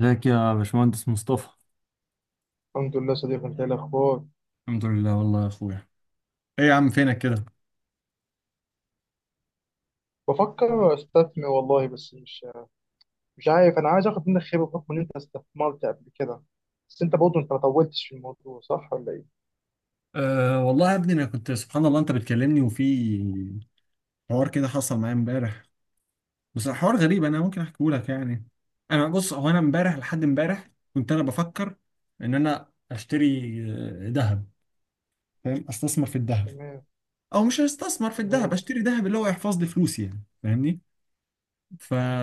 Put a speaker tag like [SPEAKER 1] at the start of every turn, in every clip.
[SPEAKER 1] ازيك يا باشمهندس مصطفى؟
[SPEAKER 2] الحمد لله صديقي. انت ايه الاخبار؟
[SPEAKER 1] الحمد لله والله يا اخويا. ايه يا عم فينك كده؟
[SPEAKER 2] بفكر استثمر والله بس مش عارف. انا عايز اخد منك خبره بحكم ان انت استثمرت قبل كده. بس انت برضه انت ما طولتش في الموضوع، صح ولا ايه؟
[SPEAKER 1] أه والله يا ابني، انا كنت سبحان الله انت بتكلمني وفي حوار كده حصل معايا امبارح، بس حوار غريب انا ممكن احكيه لك يعني. انا بص، هو انا امبارح لحد امبارح كنت انا بفكر ان انا اشتري ذهب، فاهم؟ استثمر في الذهب
[SPEAKER 2] تمام.
[SPEAKER 1] او مش هستثمر في الذهب،
[SPEAKER 2] تمام.
[SPEAKER 1] اشتري ذهب اللي هو يحفظ لي فلوسي يعني، فاهمني؟ ف
[SPEAKER 2] مم.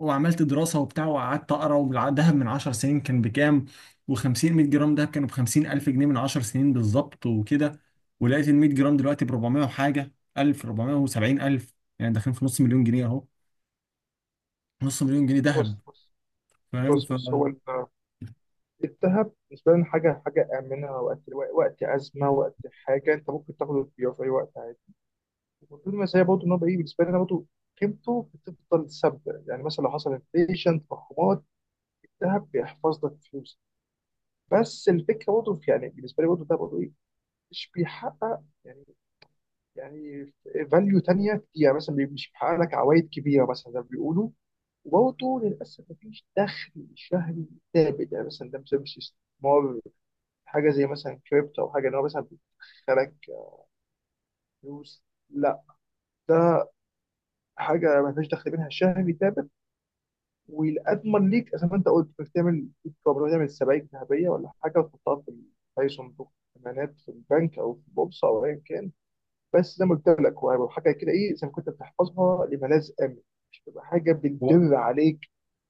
[SPEAKER 1] وعملت دراسة وبتاع وقعدت أقرأ، والذهب من 10 سنين كان بكام؟ و50، 100 جرام دهب كانوا ب 50000 جنيه من 10 سنين بالظبط وكده. ولقيت ال 100 جرام دلوقتي ب 400 وحاجة، 1000، 470,000، يعني داخلين في نص مليون جنيه أهو، نص مليون جنيه دهب،
[SPEAKER 2] بص بص.
[SPEAKER 1] فاهم؟
[SPEAKER 2] بص بص، الذهب بالنسبه لنا حاجه امنه وقت وقت ازمه، وقت حاجه انت ممكن تاخده وتبيعه في اي وقت عادي. وطول ما هي برضه ان هو بقى ايه بالنسبه لنا برضه، قيمته بتفضل ثابته. يعني مثلا لو حصل انفليشن، تضخمات، الذهب بيحفظ لك فلوسك. بس الفكره برضه يعني بالنسبه لي برضه، ده برضه ايه، مش بيحقق يعني، يعني فاليو تانيه كتير. يعني مثلا مش بيحقق لك عوائد كبيره مثلا زي ما بيقولوا. وبرضه للاسف مفيش دخل شهري ثابت. يعني مثلا ده بسبب استثمار، حاجه زي مثلا كريبتو، او حاجه ان هو مثلا بيدخلك فلوس. لا، ده حاجه ما فيش دخل منها شهري ثابت. والأضمن ليك زي ما انت قلت، انك تعمل، بتقدر تعمل سبائك ذهبيه ولا حاجه وتحطها في اي صندوق امانات في البنك او في البورصه او ايا كان. بس زي ما قلت لك، هو هيبقى حاجه كده ايه، زي ما كنت بتحفظها لملاذ امن، مش تبقى حاجه
[SPEAKER 1] هو
[SPEAKER 2] بتدر عليك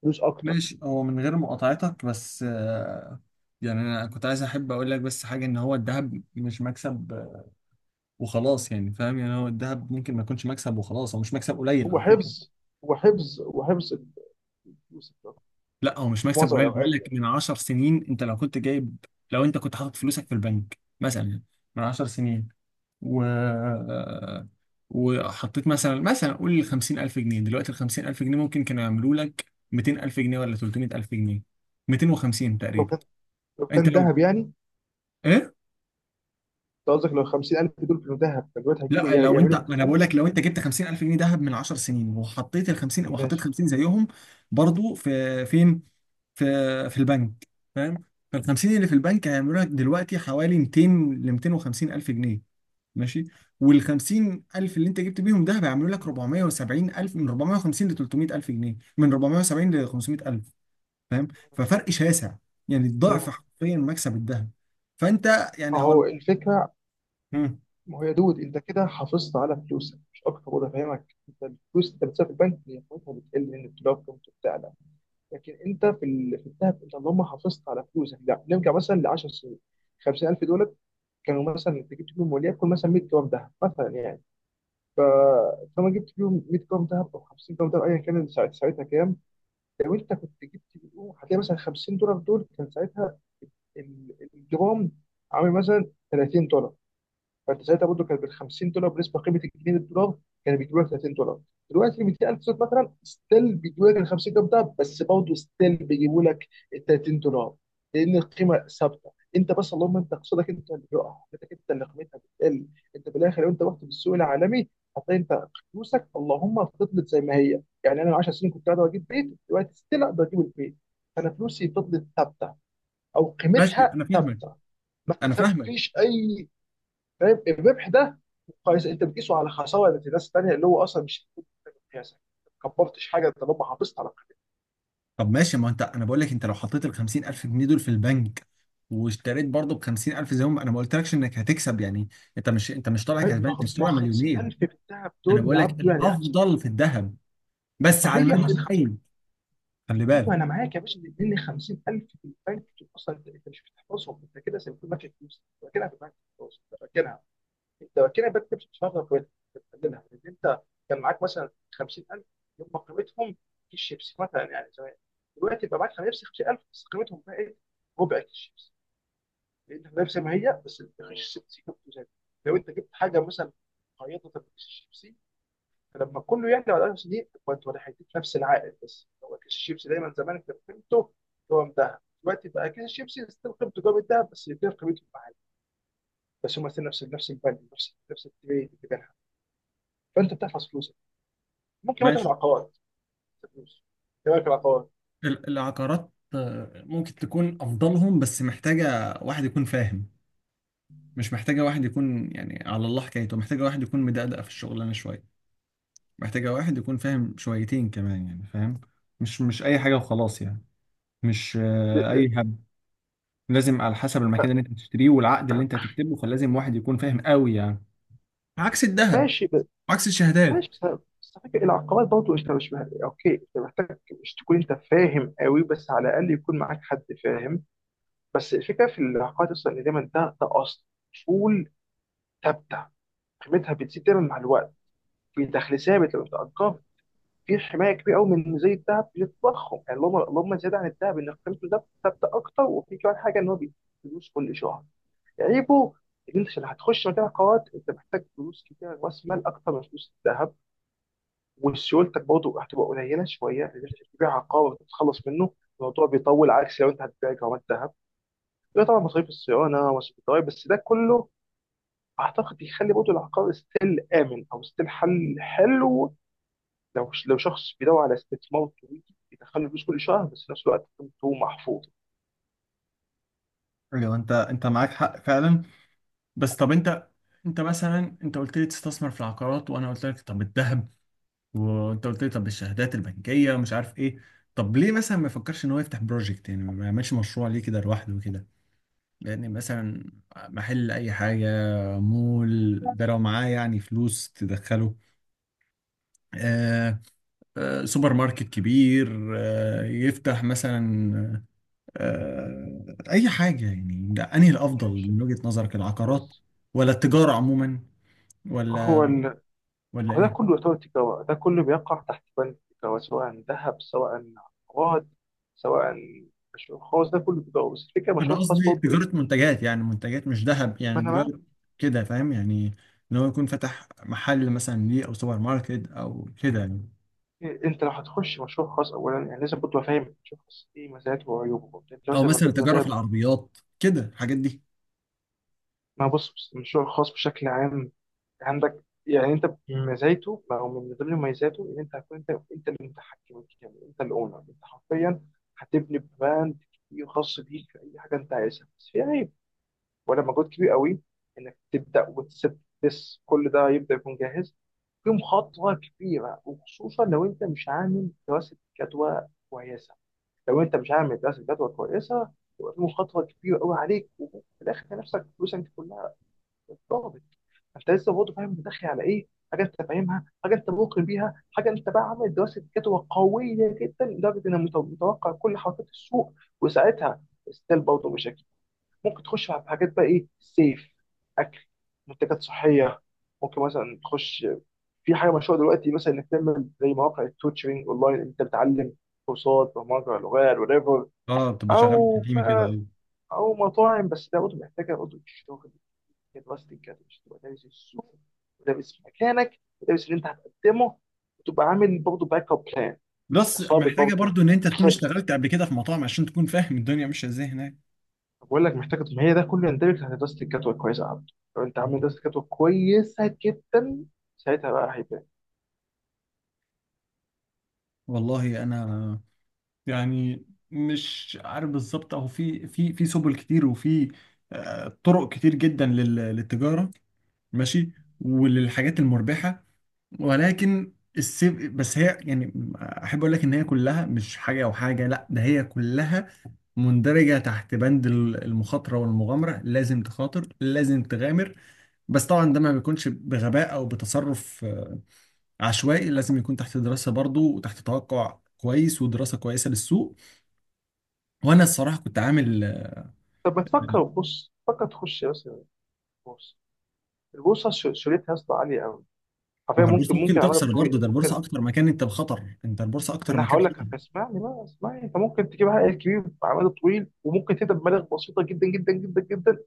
[SPEAKER 2] فلوس اكتر.
[SPEAKER 1] ماشي، هو من غير مقاطعتك بس يعني انا كنت عايز احب اقول لك بس حاجه، ان هو الذهب مش مكسب وخلاص، يعني فاهم؟ يعني هو الذهب ممكن ما يكونش مكسب وخلاص، هو مش مكسب قليل
[SPEAKER 2] هو
[SPEAKER 1] على فكره.
[SPEAKER 2] حفظ. هو حفظ الفلوس أكتر
[SPEAKER 1] لا، هو مش
[SPEAKER 2] في
[SPEAKER 1] مكسب
[SPEAKER 2] معظم
[SPEAKER 1] قليل، بقول
[SPEAKER 2] الاوقات.
[SPEAKER 1] لك من 10 سنين انت لو كنت جايب، لو انت كنت حاطط فلوسك في البنك مثلا من 10 سنين و وحطيت مثلا قول 50000 جنيه، دلوقتي ال 50000 جنيه ممكن كانوا يعملوا لك 200,000 جنيه ولا 300,000 جنيه، 250
[SPEAKER 2] لو
[SPEAKER 1] تقريبا.
[SPEAKER 2] كان لو
[SPEAKER 1] انت
[SPEAKER 2] كان
[SPEAKER 1] لو
[SPEAKER 2] ذهب يعني.
[SPEAKER 1] ايه؟
[SPEAKER 2] أنت قصدك لو 50,000 دول كانوا ذهب، كان دلوقتي هتجيبوا
[SPEAKER 1] لا، لو انت،
[SPEAKER 2] يعملوا
[SPEAKER 1] ما انا
[SPEAKER 2] 200,000؟
[SPEAKER 1] بقول لك لو انت جبت 50000 جنيه دهب من 10 سنين وحطيت ال 50، وحطيت
[SPEAKER 2] ماشي.
[SPEAKER 1] 50 زيهم برضو في فين في في البنك، فاهم؟ فال 50 اللي في البنك هيعملوا لك دلوقتي حوالي 200 ل 250 الف جنيه، ماشي؟ وال 50 الف اللي انت جبت بيهم ده هيعملوا لك
[SPEAKER 2] مم.
[SPEAKER 1] 470 الف، من 450 ل 300 الف جنيه، من 470 ل 500 الف، فاهم؟ ففرق شاسع، يعني الضعف
[SPEAKER 2] تمام.
[SPEAKER 1] حرفيا مكسب الذهب. فانت يعني هو.
[SPEAKER 2] اهو الفكره.
[SPEAKER 1] مم.
[SPEAKER 2] ما هو يا دود، انت كده حافظت على فلوسك مش اكتر. وده فاهمك، انت الفلوس انت بتسيبها في البنك هي قيمتها بتقل، لان الدولار قيمته بتعلى. لكن انت في الذهب انت اللهم حافظت على فلوسك. لا نرجع مثلا ل 10 سنين. 50,000 دولار كانوا، مثلا انت جبت فيهم وليكن مثلا 100 جرام ذهب مثلا يعني. ف- فلما جبت فيهم 100 جرام ذهب او 50 جرام ذهب ايا كان، ساعتها كام؟ لو انت كنت جبت فيهم، هتلاقي مثلا 50 دولار دول كان ساعتها الجرام عامل مثلا 30 دولار. فانت ساعتها برضه كانت بال 50 دولار بالنسبه لقيمه الجنيه للدولار، كان بيجيب لك 30 دولار. دلوقتي 200,000 زوت مثلا ستيل بيجيبوا لك ال 50 دولار ده، بس برضه ستيل بيجيبوا لك ال 30 دولار، لان القيمه ثابته. انت بس اللهم انت اقتصادك انت اللي بيقع، قيمتك انت اللي قيمتها بتقل. انت بالاخر لو انت رحت بالسوق العالمي، هتلاقي انت فلوسك اللهم فضلت زي ما هي. يعني انا من 10 سنين كنت قادر اجيب بيت، دلوقتي ستيل اقدر اجيب البيت. فانا فلوسي فضلت ثابته، او
[SPEAKER 1] ماشي،
[SPEAKER 2] قيمتها
[SPEAKER 1] انا فاهمك،
[SPEAKER 2] ثابته. ما
[SPEAKER 1] انا فاهمك.
[SPEAKER 2] كسبتش اي. فاهم الربح ده، قيس انت بتقيسه على خساره الناس الثانيه اللي هو اصلا مش هتكون قياسك. ما كبرتش حاجه، انت لما حافظت على
[SPEAKER 1] طب ماشي، ما انت انا بقول لك انت لو حطيت ال 50000 جنيه دول في البنك واشتريت برضه ب 50,000 زي ما انا، ما قلتلكش انك هتكسب يعني، انت مش طالع كسبان،
[SPEAKER 2] قيمتك
[SPEAKER 1] انت
[SPEAKER 2] ما
[SPEAKER 1] مش
[SPEAKER 2] ما
[SPEAKER 1] طالع مليونير.
[SPEAKER 2] 50,000 في الذهب
[SPEAKER 1] انا
[SPEAKER 2] دول،
[SPEAKER 1] بقول
[SPEAKER 2] يا
[SPEAKER 1] لك
[SPEAKER 2] عبدو، يعني
[SPEAKER 1] الافضل في الذهب، بس على المدى
[SPEAKER 2] صحيح. اصل 50،
[SPEAKER 1] البعيد، خلي
[SPEAKER 2] ايوه
[SPEAKER 1] بالك.
[SPEAKER 2] انا معاك يا باشا. لان 50,000 في البنك دول اصلا انت، أنت مش بتحفظهم، انت كده زي ما تكون ماسك فلوس أنت راكنها في البنك. خلاص انت راكنها. انت راكنها بنك، مش بتفرغ قيمتها، أنت بتقللها. لان انت كان معاك مثلا 50,000 يوم ما قيمتهم كيس شيبسي مثلا يعني زمان. دلوقتي بقى معاك 50,000 بس قيمتهم بقى ايه؟ ربع كيس شيبسي. لقيتها نفس ما هي، بس الرغيف سيكون زي. لو انت جبت حاجه مثلا، خيطه كيس الشيبسي، فلما كله يعلى على 1000 سنين، كنت ولا هيديك نفس العائد، بس هو كيس الشيبسي دايما زمان انت قيمته. هو مذهب دلوقتي، بقى كيس الشيبسي ستيل قيمته جاب الذهب بس يدير قيمته معاه. بس هم ستيل نفس نفس الفاليو، نفس نفس التبادل بتاعها. فانت بتحفظ فلوسك، ممكن ما تعمل
[SPEAKER 1] ماشي.
[SPEAKER 2] عقارات فلوس. ايه رايك في العقارات؟
[SPEAKER 1] العقارات ممكن تكون افضلهم، بس محتاجه واحد يكون فاهم، مش محتاجه واحد يكون يعني على الله حكايته، محتاجه واحد يكون مدقدق في الشغلانه شويه، محتاجه واحد يكون فاهم شويتين كمان يعني، فاهم؟ مش اي حاجه وخلاص يعني، مش اي، لازم على حسب المكان اللي انت بتشتريه والعقد اللي انت هتكتبه، فلازم واحد يكون فاهم قوي يعني، عكس الذهب،
[SPEAKER 2] ماشي.
[SPEAKER 1] عكس الشهادات.
[SPEAKER 2] ماشي. بس بس، فاكر العقبات برضه انت مش اوكي، انت محتاج مش تكون انت فاهم قوي، بس على الاقل يكون معاك حد فاهم. بس الفكره في العقبات اصلا، ان دايما ده اصول ثابته، قيمتها بتزيد دايما مع الوقت، في دخل ثابت لما بتأجر، في حمايه كبيره قوي من زي الذهب للتضخم. يعني اللهم زياده عن الذهب ان قيمته ده ثابته اكتر، وفي كمان حاجه ان هو بيديك فلوس كل شهر. عيبه ان انت عشان هتخش مجال العقارات، انت محتاج فلوس كتير، راس مال اكتر من فلوس الذهب. وسيولتك برضه هتبقى قليله شويه، لان انت بتبيع عقار وتتخلص منه، الموضوع بيطول، عكس لو انت هتبيع جرامات ذهب. يبقى طبعا مصاريف الصيانه، مصاريف الضرايب، بس ده كله اعتقد يخلي برضه العقار ستيل امن، او ستيل حل حلو لو شخص بيدور على استثمار طويل يدخل له فلوس كل شهر، بس في نفس الوقت قيمته محفوظ.
[SPEAKER 1] ايوه، انت معاك حق فعلا. بس طب انت، انت مثلا، انت قلت لي تستثمر في العقارات وانا قلت لك طب الذهب، وانت قلت لي طب الشهادات البنكيه ومش عارف ايه. طب ليه مثلا ما يفكرش ان هو يفتح بروجكت، يعني ما يعملش مشروع ليه كده لوحده كده؟ يعني مثلا محل اي حاجه، مول، ده لو معاه يعني فلوس تدخله، آه، سوبر ماركت كبير يفتح مثلا، أي حاجة يعني. ده أنهي الأفضل
[SPEAKER 2] ماشي.
[SPEAKER 1] من وجهة نظرك؟ العقارات
[SPEAKER 2] بص،
[SPEAKER 1] ولا التجارة عموما
[SPEAKER 2] هو
[SPEAKER 1] ولا
[SPEAKER 2] ال...
[SPEAKER 1] ولا
[SPEAKER 2] هو ده
[SPEAKER 1] إيه؟
[SPEAKER 2] كله يعتبر تجاره، ده كله بيقع تحت بند التجاره، سواء ذهب، سواء عقارات، سواء مشروع خاص، ده كله تجاره. بس الفكره،
[SPEAKER 1] أنا
[SPEAKER 2] المشروع الخاص
[SPEAKER 1] قصدي
[SPEAKER 2] برضه إيه؟
[SPEAKER 1] تجارة منتجات، يعني منتجات مش ذهب،
[SPEAKER 2] ما
[SPEAKER 1] يعني
[SPEAKER 2] انا بقى،
[SPEAKER 1] تجارة كده، فاهم يعني؟ إن هو يكون فتح محل مثلا ليه أو سوبر ماركت أو كده يعني،
[SPEAKER 2] انت لو هتخش مشروع خاص اولا يعني لازم برضه فاهم المشروع الخاص ايه، مزاياته وعيوبه وبتاع. انت
[SPEAKER 1] أو
[SPEAKER 2] مثلا من
[SPEAKER 1] مثلا
[SPEAKER 2] ضمن
[SPEAKER 1] تجارة في
[SPEAKER 2] مزايا،
[SPEAKER 1] العربيات كده، الحاجات دي.
[SPEAKER 2] ما بص بص، المشروع الخاص بشكل عام، عندك يعني انت مزايته او من ضمن مميزاته ان انت هتكون انت، انت المتحكم الكامل، انت الاونر. انت حرفيا هتبني براند كبير خاص بيك في اي حاجه انت عايزها. بس في عيب، ولا مجهود كبير قوي، انك تبدا وتسيب بس كل ده يبدا يكون جاهز. في مخاطره كبيره، وخصوصا لو انت مش عامل دراسه جدوى كويسه. لو انت مش عامل دراسه جدوى كويسه، يبقى في مخاطره كبيره قوي عليك، وفي الاخر تلاقي نفسك فلوسك دي كلها اتضربت. فانت لسه برضه فاهم انت داخل على ايه، حاجه انت فاهمها، حاجه انت موقن بيها، حاجه انت بقى عامل دراسه جدوى قويه جدا لدرجه انك متوقع كل حركات السوق. وساعتها ستيل برضه مشاكل. ممكن تخش في حاجات بقى ايه، سيف، اكل، منتجات صحيه. ممكن مثلا تخش في حاجه مشهوره دلوقتي، مثلا انك تعمل زي مواقع التوتشرنج اونلاين، انت بتعلم كورسات برمجه، لغات، whatever.
[SPEAKER 1] اه، بتبقى شغال
[SPEAKER 2] او
[SPEAKER 1] في تيمي كده،
[SPEAKER 2] بقى
[SPEAKER 1] ايوه.
[SPEAKER 2] او مطاعم. بس ده برضه محتاجه برضه الشغل، دراستك كده مش تبقى دارس السوق، ودارس مكانك، ودارس اللي انت هتقدمه، وتبقى عامل برضه باك اب بلان.
[SPEAKER 1] بلس
[SPEAKER 2] اصابه
[SPEAKER 1] محتاجه
[SPEAKER 2] برضه
[SPEAKER 1] برضو ان انت تكون
[SPEAKER 2] الخابت.
[SPEAKER 1] اشتغلت قبل كده في مطاعم عشان تكون فاهم الدنيا ماشيه ازاي هناك.
[SPEAKER 2] طب بقول لك محتاجه، ما هي ده كله يندرج تحت دراسه الجدوى كويسه، يا عبد. لو انت عامل دراسه جدوى كويسه جدا، ساعتها بقى هيبان.
[SPEAKER 1] والله انا يعني مش عارف بالظبط، اهو في سبل كتير، وفي طرق كتير جدا للتجاره، ماشي، وللحاجات المربحه، ولكن السيف بس هي، يعني احب اقول لك ان هي كلها مش حاجه او حاجه لا، ده هي كلها مندرجه تحت بند المخاطره والمغامره، لازم تخاطر، لازم تغامر. بس طبعا ده ما بيكونش بغباء او بتصرف عشوائي، لازم يكون تحت دراسة برضو وتحت توقع كويس ودراسة كويسة للسوق. وانا الصراحة كنت عامل.
[SPEAKER 2] طب ما تفكر، بص فكر تخش مثلا البورصه. البورصه شريتها يا اسطى عاليه قوي.
[SPEAKER 1] ما
[SPEAKER 2] حرفيا
[SPEAKER 1] هو
[SPEAKER 2] ممكن
[SPEAKER 1] البورصة ممكن
[SPEAKER 2] ممكن على المدى
[SPEAKER 1] تخسر
[SPEAKER 2] الطويل.
[SPEAKER 1] برضو، ده البورصة اكتر مكان انت بخطر، انت البورصة
[SPEAKER 2] ما
[SPEAKER 1] اكتر
[SPEAKER 2] انا
[SPEAKER 1] مكان
[SPEAKER 2] هقول
[SPEAKER 1] خطر.
[SPEAKER 2] لك، فاسمعني بقى، اسمعني. انت ممكن تجيب عقل كبير بعمل طويل، وممكن تبدا بمبالغ بسيطه جدا جدا جدا جدا.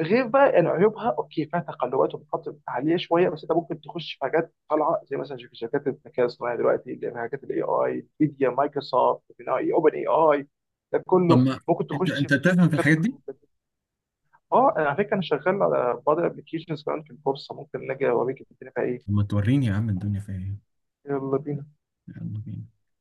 [SPEAKER 2] غير بقى ان عيوبها اوكي فيها تقلبات ومخاطر عاليه شويه، بس انت ممكن تخش في حاجات طالعه، زي مثلا شوف شركات الذكاء الصناعي دلوقتي اللي هي حاجات الاي اي، نفيديا، مايكروسوفت، اوبن اي اي. ده
[SPEAKER 1] طب
[SPEAKER 2] كله
[SPEAKER 1] ما
[SPEAKER 2] ممكن
[SPEAKER 1] انت
[SPEAKER 2] تخش في
[SPEAKER 1] انت بتفهم في
[SPEAKER 2] شركات
[SPEAKER 1] الحاجات دي؟
[SPEAKER 2] تقنية. اه، أنا على فكره انا شغال على بعض الابلكيشنز كمان في البورصه، ممكن نجي اوريك الدنيا فيها ايه.
[SPEAKER 1] طب ما توريني يا عم الدنيا فيها ايه.
[SPEAKER 2] يلا بينا.
[SPEAKER 1] يلا بينا.